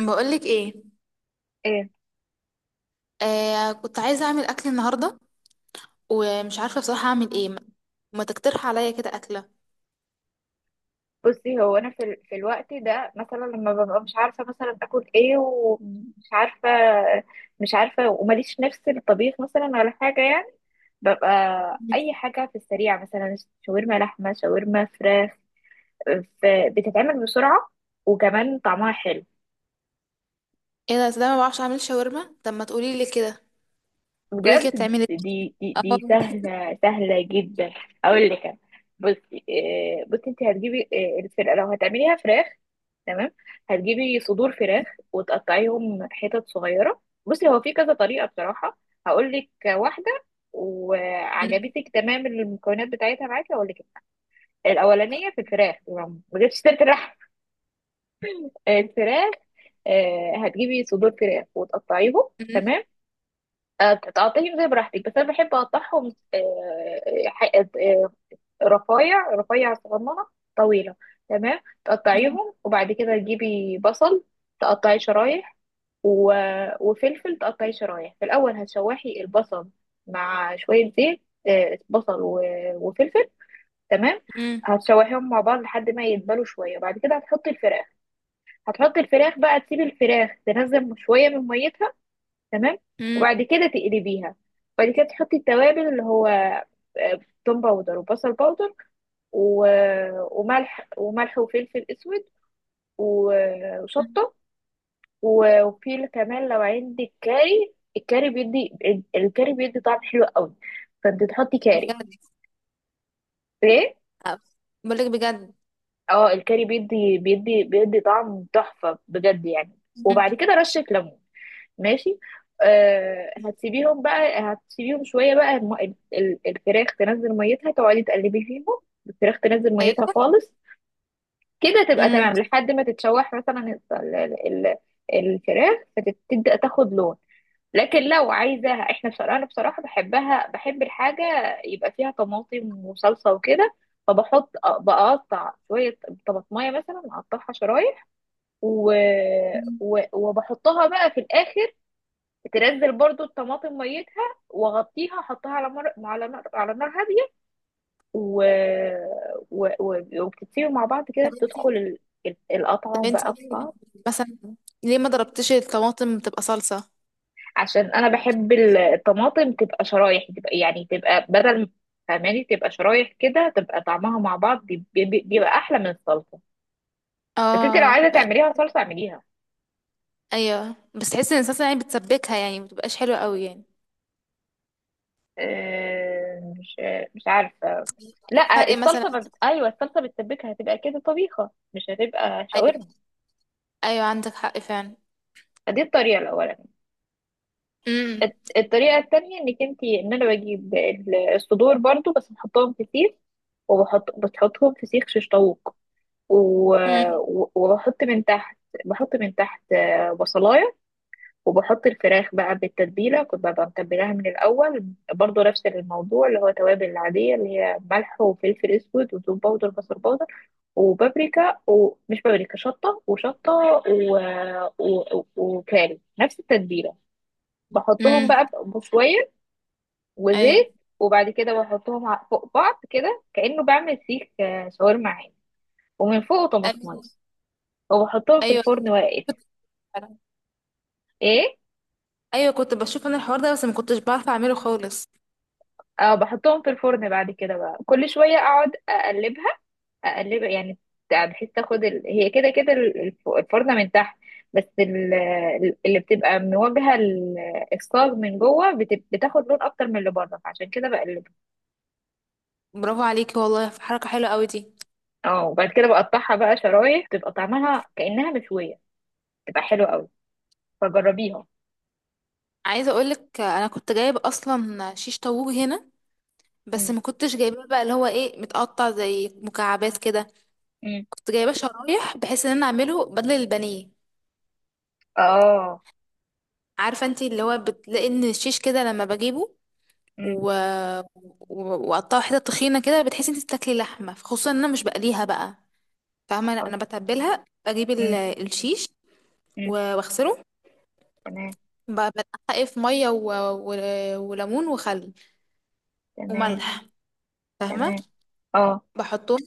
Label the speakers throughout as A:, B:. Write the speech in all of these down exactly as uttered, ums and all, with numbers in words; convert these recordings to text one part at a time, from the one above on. A: بقولك ايه؟
B: ايه.
A: آه، كنت عايزه اعمل اكل النهارده، ومش عارفه بصراحه اعمل ايه. ما ما تقترح عليا كده اكله؟
B: بصي هو انا في, ال... في الوقت ده مثلا لما ببقى مش عارفه مثلا اكل ايه ومش عارفه مش عارفه وماليش نفس الطبيخ مثلا ولا حاجه يعني، ببقى
A: مم.
B: اي حاجه في السريع، مثلا شاورما لحمه، شاورما فراخ. آه، ف... بتتعمل بسرعه، وكمان طعمها حلو.
A: ايه ده؟ أصل انا ما بعرفش اعمل شاورما. طب ما تقولي لي كده، قولي لي كده،
B: بجد
A: بتعملي إيه؟
B: دي دي
A: اه.
B: دي سهلة، سهلة جدا. أقول لك أنا. بصي، آه، بصي أنت هتجيبي، آه، الفرقة لو هتعمليها فراخ، تمام، هتجيبي صدور فراخ وتقطعيهم حتت صغيرة. بصي هو في كذا طريقة بصراحة، هقول لك واحدة،
A: مم.
B: وعجبتك تمام، المكونات بتاعتها معاكي، هقول لك. الأولانية في الفراخ، ما جبتش سيرة اللحم. الفراخ. آه، هتجيبي صدور فراخ وتقطعيهم،
A: مم.
B: تمام. آه، تقطعيهم زي براحتك، بس انا بحب اقطعهم آه، ح- آه، آه، رفايع، رفايع صغننه طويله، تمام. تقطعيهم، وبعد كده تجيبي بصل تقطعي شرايح، و- وفلفل تقطعي شرايح. في الاول هتشوحي البصل مع شويه زيت، آه، بصل و- وفلفل، تمام.
A: مم.
B: هتشوحيهم مع بعض لحد ما يدبلوا شويه، بعد كده هتحطي الفراخ هتحطي الفراخ بقى، تسيبي الفراخ تنزل شويه من ميتها، تمام.
A: مم.
B: وبعد كده تقلبيها، بعد كده تحطي التوابل، اللي هو آه، توم باودر، وبصل باودر، و... وملح، وملح وفلفل اسود، و...
A: مم.
B: وشطه. و- وفي كمان لو عندك كاري، الكاري بيدي، الكاري بيدي طعم حلو قوي، فانت تحطي كاري.
A: بجد؟
B: ليه؟
A: آه، بقولك بجد.
B: اه الكاري بيدي بيدي بيدي طعم تحفه بجد يعني.
A: مم.
B: وبعد كده رشه ليمون، ماشي. آه، هتسيبيهم بقى، هتسيبيهم شويه بقى الم- ال- ال- الفراخ تنزل ميتها، تقعدي تقلبي فيهم، الفراخ تنزل ميتها
A: ايوه.
B: خالص، كده تبقى
A: مم.
B: تمام، لحد ما تتشوح مثلا ال- ال- ال- الفراخ، فتبدا تاخد لون. لكن لو عايزاها، احنا بصراحه، انا بصراحه بحبها، بحب الحاجه يبقى فيها طماطم وصلصه وكده، فبحط، بقطع شويه طماطمايه مثلا، اقطعها شرايح، و...
A: مم.
B: و... وبحطها بقى في الاخر، تنزل برضو الطماطم ميتها، واغطيها، احطها على مر... على نار، على نار هاديه، و... و... و... وبتتسيبوا مع بعض
A: طب
B: كده، تدخل
A: انتي
B: ال... ال-
A: طب
B: القطعه
A: انتي
B: بقى في
A: ليه
B: بعض.
A: مثلا ليه ما ضربتيش الطماطم بتبقى صلصه؟
B: عشان انا بحب ال- الطماطم تبقى شرايح، تبقى يعني، تبقى بدل، فاهماني؟ تبقى شرايح كده تبقى طعمها مع بعض بي- بي- بيبقى احلى من الصلصه. بس انت لو
A: اه.
B: عايزه تعمليها صلصه، اعمليها.
A: ايوه بس تحسي ان الصلصه يعني بتسبكها، يعني ما بتبقاش حلوه قوي يعني.
B: آه، مش مش عارفه.
A: إيه الفرق
B: لا
A: مثلا؟
B: الصلصه ما بت... ايوه الصلصه بتسبكها، هتبقى كده طبيخه، مش هتبقى
A: ايوه.
B: شاورما.
A: ايوه عندك حق فعلا.
B: دي الطريقة الأولانية.
A: امم.
B: الت- الطريقة التانية، انك انتي، ان انا بجيب ال- الصدور برضو، بس بحطهم في سيخ. وبحط بتحطهم في سيخ شيش طاووق، و-
A: امم.
B: و- وبحط من تحت، بحط من تحت آه، بصلاية، وبحط الفراخ بقى بالتتبيلة، كنت ببقى متبلاها من الأول. برضو نفس الموضوع، اللي هو توابل العادية، اللي هي ملح وفلفل أسود وتوم باودر بصل باودر وبابريكا، ومش بابريكا، شطة، وشطة و... و... و... وكاري، نفس التتبيلة. بحطهم
A: امم.
B: بقى بشوية
A: ايوه،
B: وزيت، وبعد كده بحطهم ع- فوق بعض كده، كأنه بعمل سيخ آه، شاورما عادي، ومن فوق طماطمية،
A: ايوه،
B: وبحطهم في
A: ايوه،
B: الفرن واقف.
A: فعلا.
B: ايه.
A: ايوه كنت بشوف انا الحوار ده، بس ما كنتش بعرف اعمله خالص.
B: اه بحطهم في الفرن، بعد كده بقى كل شوية اقعد اقلبها، اقلبها يعني، بحيث تاخد ال... هي كده كده ال- الف- الفرنة من تحت، بس ال... اللي بتبقى مواجهة ال- الصاج من جوه بت... بتاخد لون اكتر من اللي بره، فعشان كده بقلبها.
A: برافو عليكي والله، في حركه حلوه قوي دي.
B: اه، وبعد كده بقطعها بقى شرايح، بتبقى طعمها كأنها مشوية، تبقى حلوة قوي، فجربيها.
A: عايزه اقولك، انا كنت جايب اصلا شيش طاووق هنا، بس
B: مم.
A: ما كنتش جايباه بقى اللي هو ايه، متقطع زي مكعبات كده.
B: مم.
A: كنت جايباه شرايح بحيث ان انا اعمله بدل البانيه.
B: اه.
A: عارفه انت اللي هو بتلاقي ان الشيش كده لما بجيبه
B: مم.
A: و... و- وقطعها حتت تخينه كده، بتحسي انت بتاكلي لحمه، خصوصا ان انا مش بقليها بقى. فاهمه. لا انا
B: أوكي.
A: بتبلها، بجيب ال-
B: مم.
A: الشيش و-
B: مم.
A: واغسله،
B: تمام.
A: ب- بنقعه في ميه و... و... وليمون وخل
B: تمام.
A: وملح، فاهمه.
B: تمام. اه.
A: بحطهم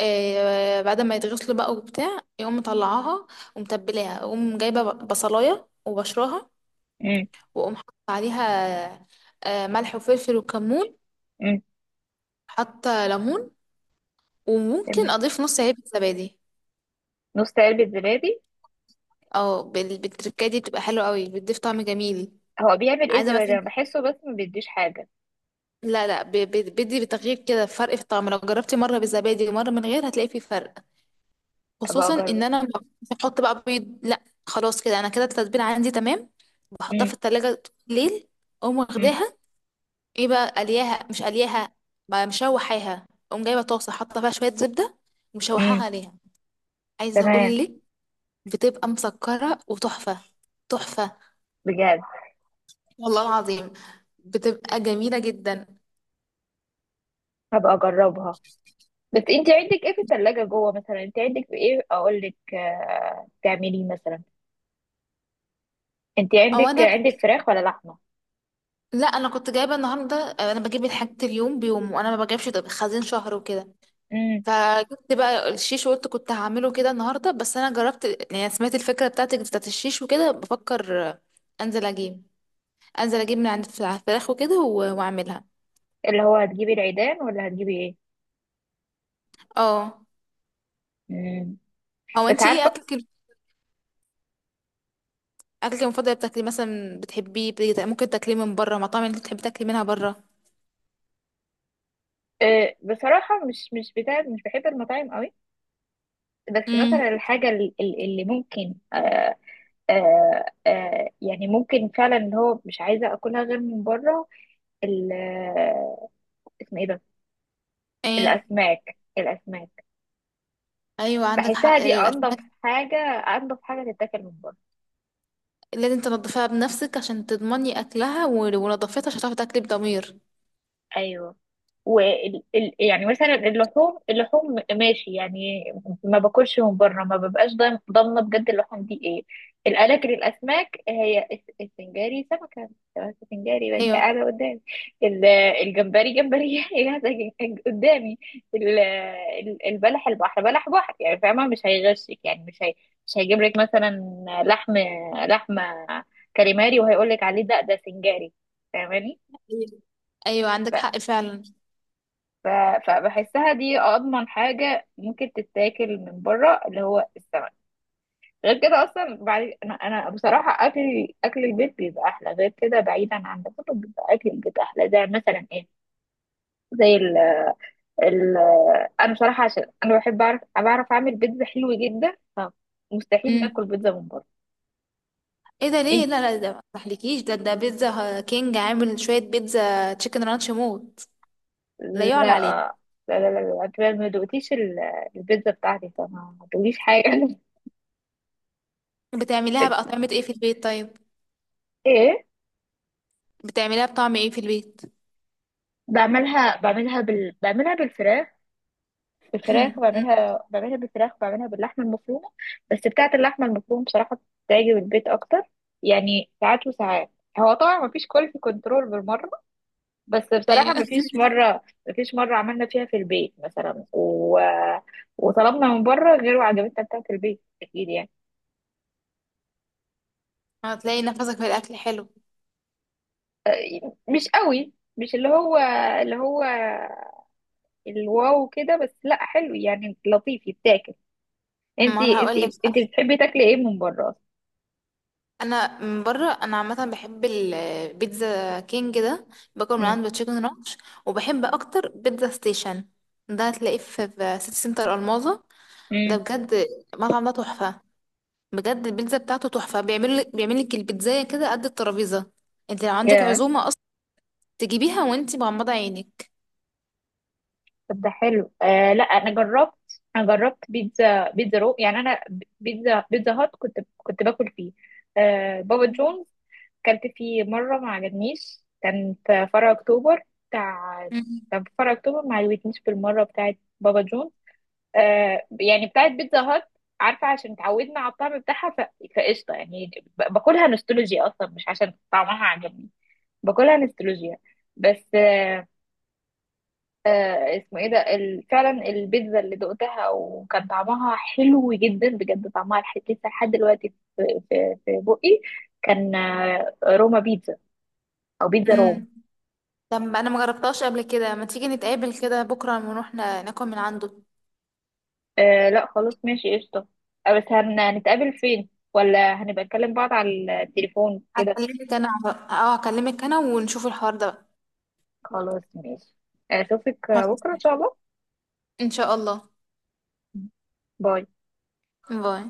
A: آه بعد ما يتغسلوا بقى وبتاع، يقوم مطلعاها ومتبلاها، اقوم جايبه ب- بصلايه وبشراها،
B: مم.
A: واقوم حاطه عليها آه ملح وفلفل وكمون،
B: مم.
A: حاطه ليمون، وممكن
B: تمام.
A: اضيف نص علبه زبادي.
B: نص علبة زبادي.
A: اه بال- بالتركاية دي بتبقى حلوة قوي، بتضيف طعم جميل.
B: هو بيعمل ايه
A: عايزة
B: الزبادي؟
A: مثلا.
B: انا بحسه بس ما بيديش حاجة.
A: لا، لا، ب- ب- بدي بتغيير كده، فرق في الطعم. لو جربتي مرة بالزبادي ومرة من غير هتلاقي فيه فرق.
B: ابقى
A: خصوصا ان
B: اجرب.
A: انا ما بحط بقى بيض. لا خلاص كده، انا كده التتبيلة عندي تمام. بحطها في
B: مم.
A: التلاجة ليل، اقوم
B: مم.
A: واخداها. ايه بقى، قلياها مش قلياها؟ ما مشوحاها، اقوم جايبة طاسة حاطة فيها شوية زبدة ومشوحاها
B: مم.
A: عليها. عايزة
B: تمام.
A: اقول لك، بتبقى مسكرة وتحفة. تحفة،
B: بجد.
A: والله العظيم، بتبقى جميلة جدا.
B: هبقى اجربها. بس انت عندك ايه في التلاجة جوه مثلا؟ انت عندك ايه اقول لك آه، تعمليه مثلا؟ انت
A: او
B: عندك
A: انا
B: عندك
A: كنت-
B: فراخ ولا لحمة؟
A: لا انا كنت جايبه النهارده. آه، انا بجيب الحاجات اليوم بيوم، وانا ما بجيبش طب- خزين شهر وكده.
B: مم.
A: فجبت بقى الشيش وقلت كنت هعمله كده النهارده، بس انا جربت يعني، سمعت الفكره بتاعتك بتاعت الشيش وكده، بفكر آه، انزل اجيب انزل اجيب من عند الفلا- الفراخ وكده و- واعملها.
B: اللي هو هتجيبي العيدان ولا هتجيبي ايه؟
A: اه.
B: مم.
A: هو
B: بس
A: انت ايه
B: عارفة.
A: اكلك اكلك المفضل بتاكلي مثلا بتحبيه؟ بت- ممكن تاكليه من بره؟ مطاعم اللي بتحبي تاكلي منها بره؟
B: أه، بصراحة مش مش بتاع، مش بحب المطاعم قوي، بس
A: امم.
B: مثلا الحاجة ال- ال- اللي ممكن أه. أه أه يعني ممكن فعلا اللي هو مش عايزة أكلها غير من بره، ال- آه، اسمه ايه ده،
A: ايه.
B: الأسماك. الأسماك.
A: ايوه عندك
B: بحسها
A: حق،
B: دي أنضف
A: الاسماك.
B: حاجة، أنضف حاجة تتاكل من بره.
A: لازم تنضفيها بنفسك عشان تضمني اكلها، و- ولو نضفتها مش هتعرفي تاكلي بضمير.
B: أيوه. و ال- ال- يعني مثلا اللحوم، اللحوم ماشي يعني، ما باكلش من بره، ما ببقاش ضام- ضامنه بجد اللحوم دي ايه. الاكل الاسماك، هي الس- السنجاري سمكه، السنجاري بقى
A: ايوه.
B: قاعده قدامي، ال- الجمبري، جمبري قاعده ج- قدامي، ال- ال- البلح البحر، بلح بحر، يعني فاهمه مش هيغشك يعني، مش هي مش هيجيب لك مثلا لحم، لحمه كاليماري وهيقول لك عليه ده ده سنجاري، فاهماني؟
A: ايوه عندك حق فعلا.
B: ف- فبحسها دي اضمن حاجه ممكن تتاكل من بره، اللي هو السمك. غير كده اصلا، بعد انا أنا بصراحه، اكل اكل البيت بيبقى احلى، غير كده بعيدا عن ده كله بيبقى اكل البيت احلى. زي مثلا ايه؟ زي ال ال انا بصراحه، عشان انا بحب اعرف، بعرف اعمل بيتزا حلو جدا، فمستحيل ناكل
A: امم.
B: بيتزا من بره.
A: ايه ده ليه؟
B: انت.
A: لا، لا، ده ما تحلكيش، ده ده بيتزا كينج عامل شويه بيتزا تشيكن رانش موت. لا
B: لا
A: يعلى عليها.
B: لا لا لا لا، انت ما دقتيش ال- البيتزا بتاعتي، فما ما تقوليش حاجه.
A: بتعمليها بقى طعمة ايه في البيت طيب؟
B: ايه.
A: بتعمليها بطعم ايه في البيت؟
B: بعملها، بعملها بال... بعملها بالفراخ، بفراخ،
A: أمم،
B: بعملها بعملها بالفراخ، وبعملها باللحمة المفرومة. بس بتاعة اللحمة المفرومة بصراحة بتعجب البيت أكتر، يعني ساعات وساعات. هو طبعا مفيش كواليتي كنترول بالمرة، بس بصراحة
A: ايوه.
B: مفيش مرة مفيش مرة عملنا فيها في البيت مثلا و... وطلبنا من بره، غير وعجبتنا بتاعة البيت أكيد يعني.
A: هتلاقي نفسك في الاكل حلو.
B: مش قوي، مش اللي هو، اللي هو الواو كده بس، لا حلو يعني، لطيف يتاكل.
A: ما انا
B: انتي
A: هقول لك.
B: انتي انتي بتحبي تاكلي ايه من بره اصلا؟
A: انا من بره، انا عامه بحب البيتزا كينج ده، باكل من
B: مم.
A: عنده تشيكن رانش. وبحب اكتر بيتزا ستيشن، ده هتلاقيه في في سيتي سنتر الماظة. ده بجد، المطعم ده تحفه، بجد البيتزا بتاعته تحفه، بيعمل لك بيعمل لك البيتزايه كده قد الترابيزه. انت لو عندك
B: مم.
A: عزومه اصلا تجيبيها وانت مغمضه عينك.
B: طب ده حلو. آه لا انا جربت، انا جربت بيتزا، بيتزا رو، يعني انا بيتزا، بيتزا هات، كنت كنت باكل فيه. آه بابا جونز، كلت فيه مرة ما عجبنيش، كان في فرع أكتوبر بتاع.
A: مم.
B: كان في فرع أكتوبر ما عجبتنيش بالمرة بتاعت بابا جون، آه يعني بتاعت بيتزا هات، عارفة عشان اتعودنا على الطعم بتاعها ف... فقشطة يعني، ب- باكلها نوستولوجيا أصلا، مش عشان طعمها عجبني، باكلها نوستولوجيا بس. آه اسمه ايه ده ال- فعلا البيتزا اللي دقتها وكان طعمها حلو جدا بجد، طعمها لح- لسه لحد دلوقتي في، في في بقي. كان آه، روما بيتزا، او بيتزا روم.
A: مم. طب انا ما جربتهاش قبل كده، ما تيجي نتقابل كده بكره ونروح نا- ناكل من عنده؟
B: آه لا خلاص ماشي قشطة. آه، بس هنتقابل فين، ولا هنبقى نكلم بعض على التليفون كده؟
A: هكلمك انا. اه هكلمك انا ونشوف الحوار ده بقى.
B: خلاص ماشي. آه، اشوفك
A: خلاص.
B: بكرة ان شاء الله.
A: ان شاء الله.
B: باي.
A: باي.